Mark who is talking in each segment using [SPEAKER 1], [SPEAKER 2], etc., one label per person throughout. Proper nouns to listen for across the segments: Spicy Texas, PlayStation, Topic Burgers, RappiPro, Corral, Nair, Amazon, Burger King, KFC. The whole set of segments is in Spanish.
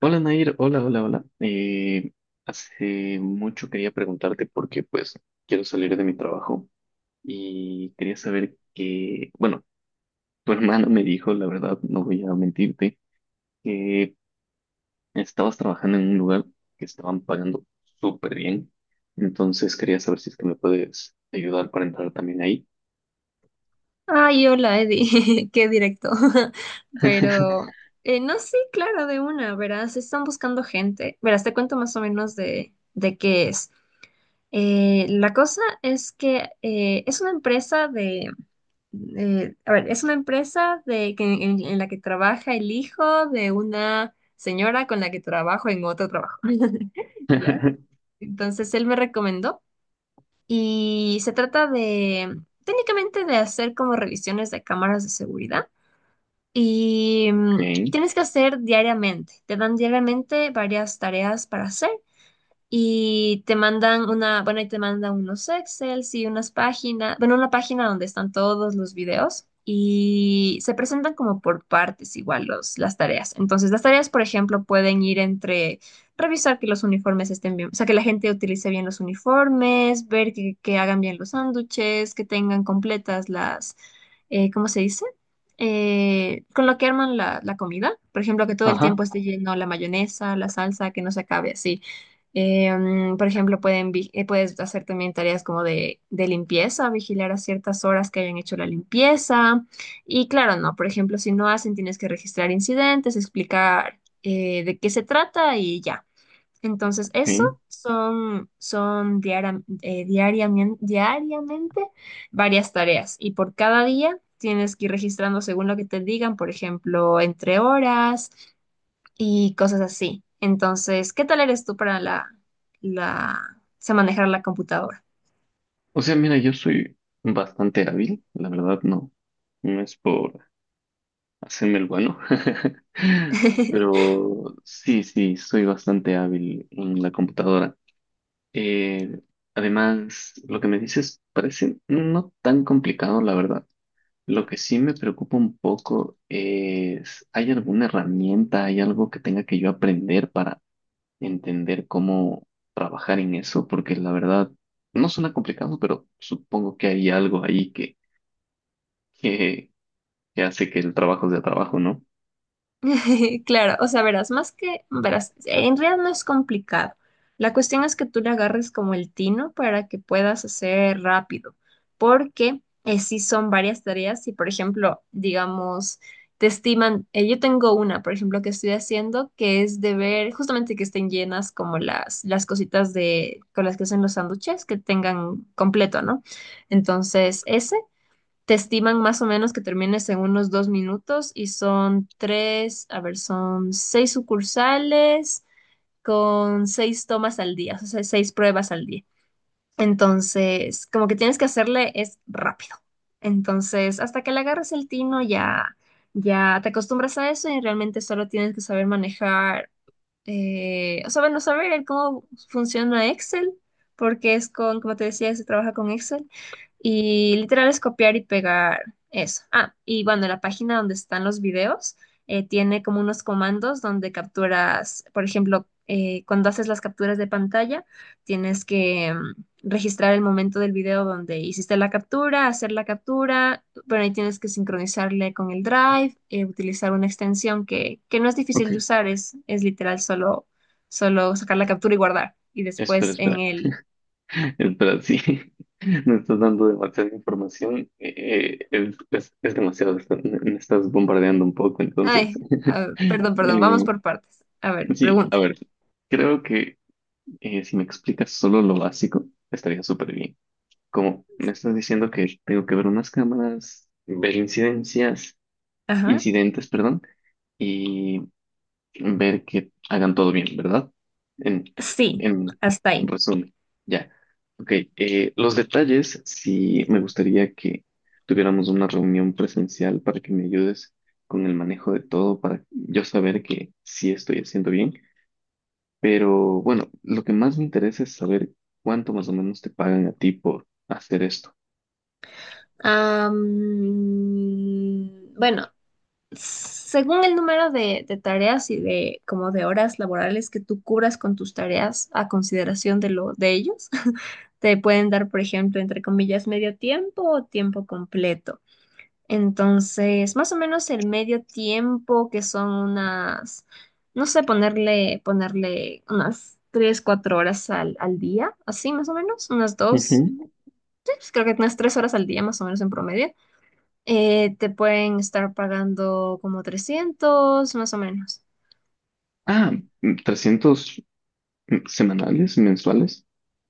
[SPEAKER 1] Hola Nair, hola, hola, hola. Hace mucho quería preguntarte porque pues quiero salir de mi trabajo y quería saber que, bueno, tu hermana me dijo, la verdad, no voy a mentirte, que estabas trabajando en un lugar que estaban pagando súper bien. Entonces quería saber si es que me puedes ayudar para entrar también ahí.
[SPEAKER 2] Ay, hola, Eddie, qué directo. Pero, no, sí, claro, de una, verás, están buscando gente. Verás, te cuento más o menos de qué es. La cosa es que es una empresa a ver, es una empresa en la que trabaja el hijo de una señora con la que trabajo en otro trabajo. ¿Ya? Entonces, él me recomendó y se trata de, técnicamente, de hacer como revisiones de cámaras de seguridad y
[SPEAKER 1] Ok.
[SPEAKER 2] tienes que hacer diariamente. Te dan diariamente varias tareas para hacer y te mandan una, bueno, y te mandan unos Excel, y unas páginas, bueno, una página donde están todos los videos y se presentan como por partes igual las tareas. Entonces, las tareas, por ejemplo, pueden ir entre revisar que los uniformes estén bien, o sea, que la gente utilice bien los uniformes, ver que hagan bien los sándwiches, que tengan completas las, ¿cómo se dice? Con lo que arman la comida. Por ejemplo, que todo el
[SPEAKER 1] Ajá,
[SPEAKER 2] tiempo esté lleno la mayonesa, la salsa, que no se acabe así. Por ejemplo, puedes hacer también tareas como de limpieza, vigilar a ciertas horas que hayan hecho la limpieza. Y claro, no, por ejemplo, si no hacen, tienes que registrar incidentes, explicar de qué se trata y ya. Entonces, eso
[SPEAKER 1] ok.
[SPEAKER 2] diariamente varias tareas. Y por cada día tienes que ir registrando según lo que te digan, por ejemplo, entre horas y cosas así. Entonces, ¿qué tal eres tú para o sea, manejar la computadora?
[SPEAKER 1] O sea, mira, yo soy bastante hábil, la verdad, no. No es por hacerme el bueno. Pero sí, sí, soy bastante hábil en la computadora. Eh, Además, lo que me dices parece no tan complicado, la verdad. Lo que sí me preocupa un poco es, ¿hay alguna herramienta, hay algo que tenga que yo aprender para entender cómo trabajar en eso? Porque la verdad, no suena complicado, pero supongo que hay algo ahí que, que hace que el trabajo sea trabajo, ¿no?
[SPEAKER 2] Claro, o sea, verás, verás, en realidad no es complicado. La cuestión es que tú le agarres como el tino para que puedas hacer rápido, porque si sí son varias tareas. Si, por ejemplo, digamos, te estiman, yo tengo una, por ejemplo, que estoy haciendo, que es de ver justamente que estén llenas como las cositas con las que hacen los sándwiches, que tengan completo, ¿no? Entonces, ese te estiman más o menos que termines en unos dos minutos y son tres, a ver, son seis sucursales con seis tomas al día, o sea, seis pruebas al día. Entonces, como que tienes que hacerle es rápido. Entonces, hasta que le agarres el tino ya, ya te acostumbras a eso y realmente solo tienes que saber manejar o sea, bueno, saber el cómo funciona Excel, porque es con, como te decía, se trabaja con Excel, y literal es copiar y pegar eso. Ah, y bueno, la página donde están los videos tiene como unos comandos donde capturas, por ejemplo, cuando haces las capturas de pantalla, tienes que registrar el momento del video donde hiciste la captura, hacer la captura, pero ahí tienes que sincronizarle con el Drive, utilizar una extensión que no es
[SPEAKER 1] Ok,
[SPEAKER 2] difícil de usar, es literal solo, solo sacar la captura y guardar. Y
[SPEAKER 1] espera,
[SPEAKER 2] después en
[SPEAKER 1] espera.
[SPEAKER 2] el...
[SPEAKER 1] Pero sí, me estás dando demasiada información, es, es demasiado, me estás bombardeando un poco, entonces.
[SPEAKER 2] Ay, a ver, perdón, perdón, vamos
[SPEAKER 1] Eh,
[SPEAKER 2] por partes. A ver,
[SPEAKER 1] sí, a
[SPEAKER 2] pregunta.
[SPEAKER 1] ver, creo que si me explicas solo lo básico, estaría súper bien. Como me estás diciendo que tengo que ver unas cámaras, ver incidencias,
[SPEAKER 2] Ajá.
[SPEAKER 1] incidentes, perdón, y ver que hagan todo bien, ¿verdad? En,
[SPEAKER 2] Sí,
[SPEAKER 1] en
[SPEAKER 2] hasta ahí.
[SPEAKER 1] resumen, ya. Ok, los detalles, sí me gustaría que tuviéramos una reunión presencial para que me ayudes con el manejo de todo, para yo saber que sí estoy haciendo bien. Pero bueno, lo que más me interesa es saber cuánto más o menos te pagan a ti por hacer esto.
[SPEAKER 2] Bueno, según el número de tareas y de como de horas laborales que tú cubras con tus tareas a consideración de lo de ellos, te pueden dar, por ejemplo, entre comillas, medio tiempo o tiempo completo. Entonces, más o menos el medio tiempo, que son unas, no sé, ponerle unas tres, cuatro horas al día, así más o menos, unas dos,
[SPEAKER 1] Ujú.
[SPEAKER 2] sí, pues creo que unas tres horas al día más o menos en promedio te pueden estar pagando como 300 más o menos.
[SPEAKER 1] Ah, 300 semanales, mensuales.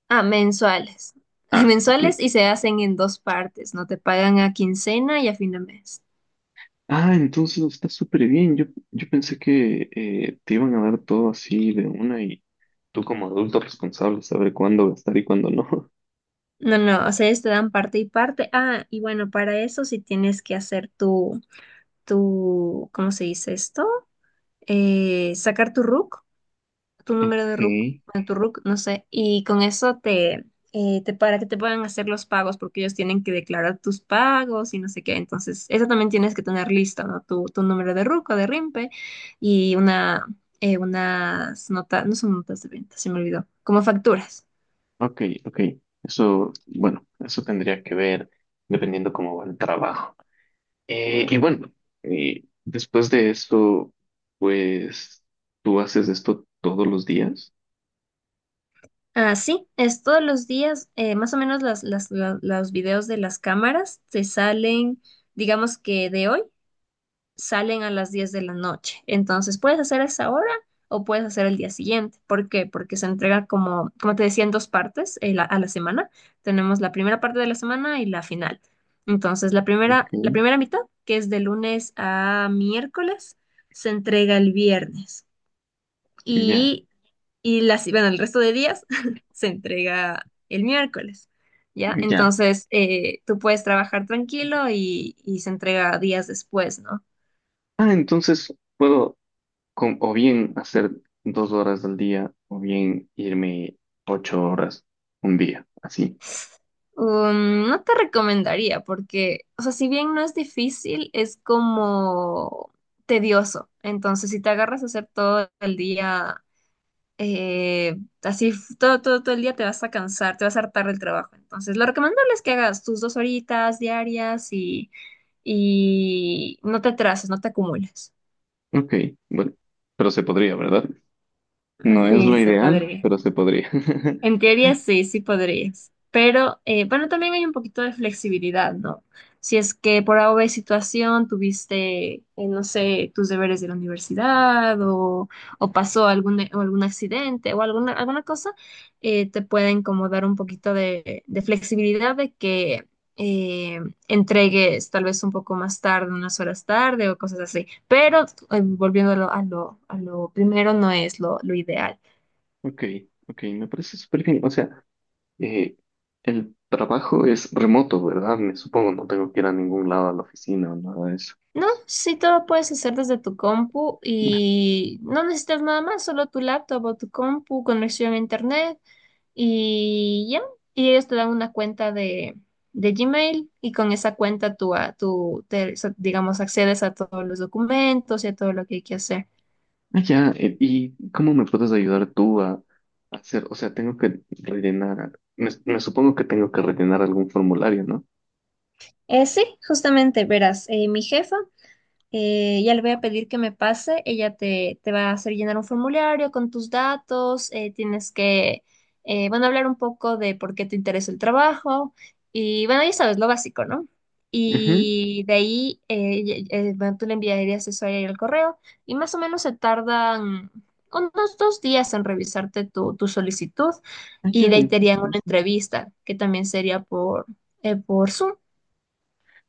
[SPEAKER 2] Ah, mensuales.
[SPEAKER 1] Ah, ok.
[SPEAKER 2] Mensuales y se hacen en dos partes, ¿no? Te pagan a quincena y a fin de mes.
[SPEAKER 1] Ah, entonces está súper bien. Yo pensé que te iban a dar todo así de una y tú como adulto responsable saber cuándo gastar y cuándo no.
[SPEAKER 2] No, no, o sea, ellos te dan parte y parte. Ah, y bueno, para eso sí tienes que hacer ¿cómo se dice esto? Sacar tu RUC tu número de
[SPEAKER 1] Ok,
[SPEAKER 2] RUC, bueno, tu RUC, no sé, y con eso te para que te puedan hacer los pagos, porque ellos tienen que declarar tus pagos y no sé qué. Entonces, eso también tienes que tener listo, ¿no? Tu número de RUC o de RIMPE y una, unas notas, no son notas de venta, se me olvidó, como facturas.
[SPEAKER 1] ok, ok. Eso, bueno, eso tendría que ver dependiendo cómo va el trabajo. Y bueno, después de eso, pues, ¿tú haces esto todos los días?
[SPEAKER 2] Ah, sí, es todos los días, más o menos los videos de las cámaras te salen, digamos que de hoy. Salen a las 10 de la noche. Entonces, puedes hacer esa hora o puedes hacer el día siguiente. ¿Por qué? Porque se entrega como, como te decía, en dos partes a la semana. Tenemos la primera parte de la semana y la final. Entonces, la
[SPEAKER 1] Ok.
[SPEAKER 2] primera mitad, que es de lunes a miércoles, se entrega el viernes.
[SPEAKER 1] Ya,
[SPEAKER 2] Y, bueno, el resto de días se entrega el miércoles. ¿Ya?
[SPEAKER 1] ya.
[SPEAKER 2] Entonces, tú puedes trabajar tranquilo y se entrega días después, ¿no?
[SPEAKER 1] Ah, entonces puedo o bien hacer 2 horas al día o bien irme 8 horas un día, así.
[SPEAKER 2] No te recomendaría porque, o sea, si bien no es difícil, es como tedioso. Entonces, si te agarras a hacer todo el día, eh, todo, todo, todo el día te vas a cansar, te vas a hartar del trabajo. Entonces, lo recomendable es que hagas tus dos horitas diarias y no te atrases, no te acumules.
[SPEAKER 1] Ok, bueno, pero se podría, ¿verdad? No es
[SPEAKER 2] Sí,
[SPEAKER 1] lo
[SPEAKER 2] se
[SPEAKER 1] ideal,
[SPEAKER 2] podría.
[SPEAKER 1] pero se podría.
[SPEAKER 2] En teoría sí, sí podrías. Pero bueno, también hay un poquito de flexibilidad, ¿no? Si es que por alguna situación tuviste, no sé, tus deberes de la universidad o, o algún accidente o alguna, alguna cosa, te pueden como dar un poquito de flexibilidad de que eh, entregues tal vez un poco más tarde, unas horas tarde o cosas así. Pero volviendo a a lo primero, no es lo ideal.
[SPEAKER 1] Ok, ok, me parece súper bien. O sea, eh, el trabajo es remoto, ¿verdad? Me supongo, no tengo que ir a ningún lado a la oficina o nada de eso.
[SPEAKER 2] No, sí, todo lo puedes hacer desde tu compu
[SPEAKER 1] Me-
[SPEAKER 2] y no necesitas nada más, solo tu laptop o tu compu, conexión a internet y ya. Y ellos te dan una cuenta de Gmail y con esa cuenta tú, a- tú te, so- digamos, accedes a todos los documentos y a todo lo que hay que hacer.
[SPEAKER 1] Ah, ya, ¿y cómo me puedes ayudar tú a hacer? O sea, tengo que rellenar, me supongo que tengo que rellenar algún formulario, ¿no?
[SPEAKER 2] Sí, justamente, verás, mi jefa ya le voy a pedir que me pase, ella te va a hacer llenar un formulario con tus datos, tienes que, bueno, hablar un poco de por qué te interesa el trabajo y bueno, ya sabes, lo básico, ¿no?
[SPEAKER 1] Ujú.
[SPEAKER 2] Y de ahí, bueno, tú le enviarías eso a ella el correo y más o menos se tardan unos dos días en revisarte tu, tu solicitud
[SPEAKER 1] Ah,
[SPEAKER 2] y
[SPEAKER 1] ya,
[SPEAKER 2] de ahí te harían una
[SPEAKER 1] entonces,
[SPEAKER 2] entrevista que también sería por Zoom.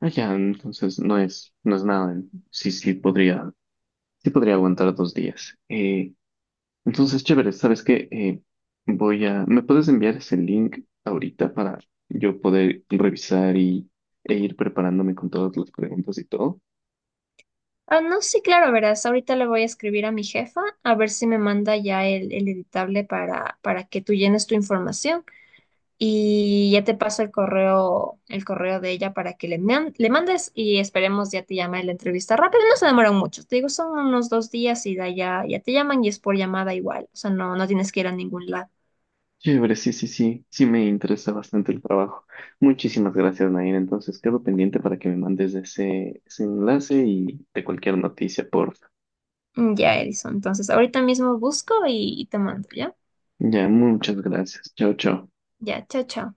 [SPEAKER 1] ah, ya, entonces no es, no es nada. Sí, sí, podría. Sí podría aguantar 2 días. Entonces, chévere, ¿sabes qué? Voy a... ¿Me puedes enviar ese link ahorita para yo poder revisar y, e ir preparándome con todas las preguntas y todo?
[SPEAKER 2] Ah, no, sí, claro, verás. Ahorita le voy a escribir a mi jefa a ver si me manda ya el editable para que tú llenes tu información y ya te paso el correo de ella para que le mandes y esperemos ya te llame la entrevista rápido. No se demoran mucho, te digo, son unos dos días y da ya, ya te llaman y es por llamada igual. O sea, no, no tienes que ir a ningún lado.
[SPEAKER 1] Chévere, sí, sí, sí. Sí me interesa bastante el trabajo. Muchísimas gracias, Nair. Entonces, quedo pendiente para que me mandes ese, ese enlace y de cualquier noticia, por...
[SPEAKER 2] Ya, Edison. Entonces, ahorita mismo busco y te mando, ¿ya?
[SPEAKER 1] Ya, muchas gracias. Chao, chao.
[SPEAKER 2] Ya, chao, chao.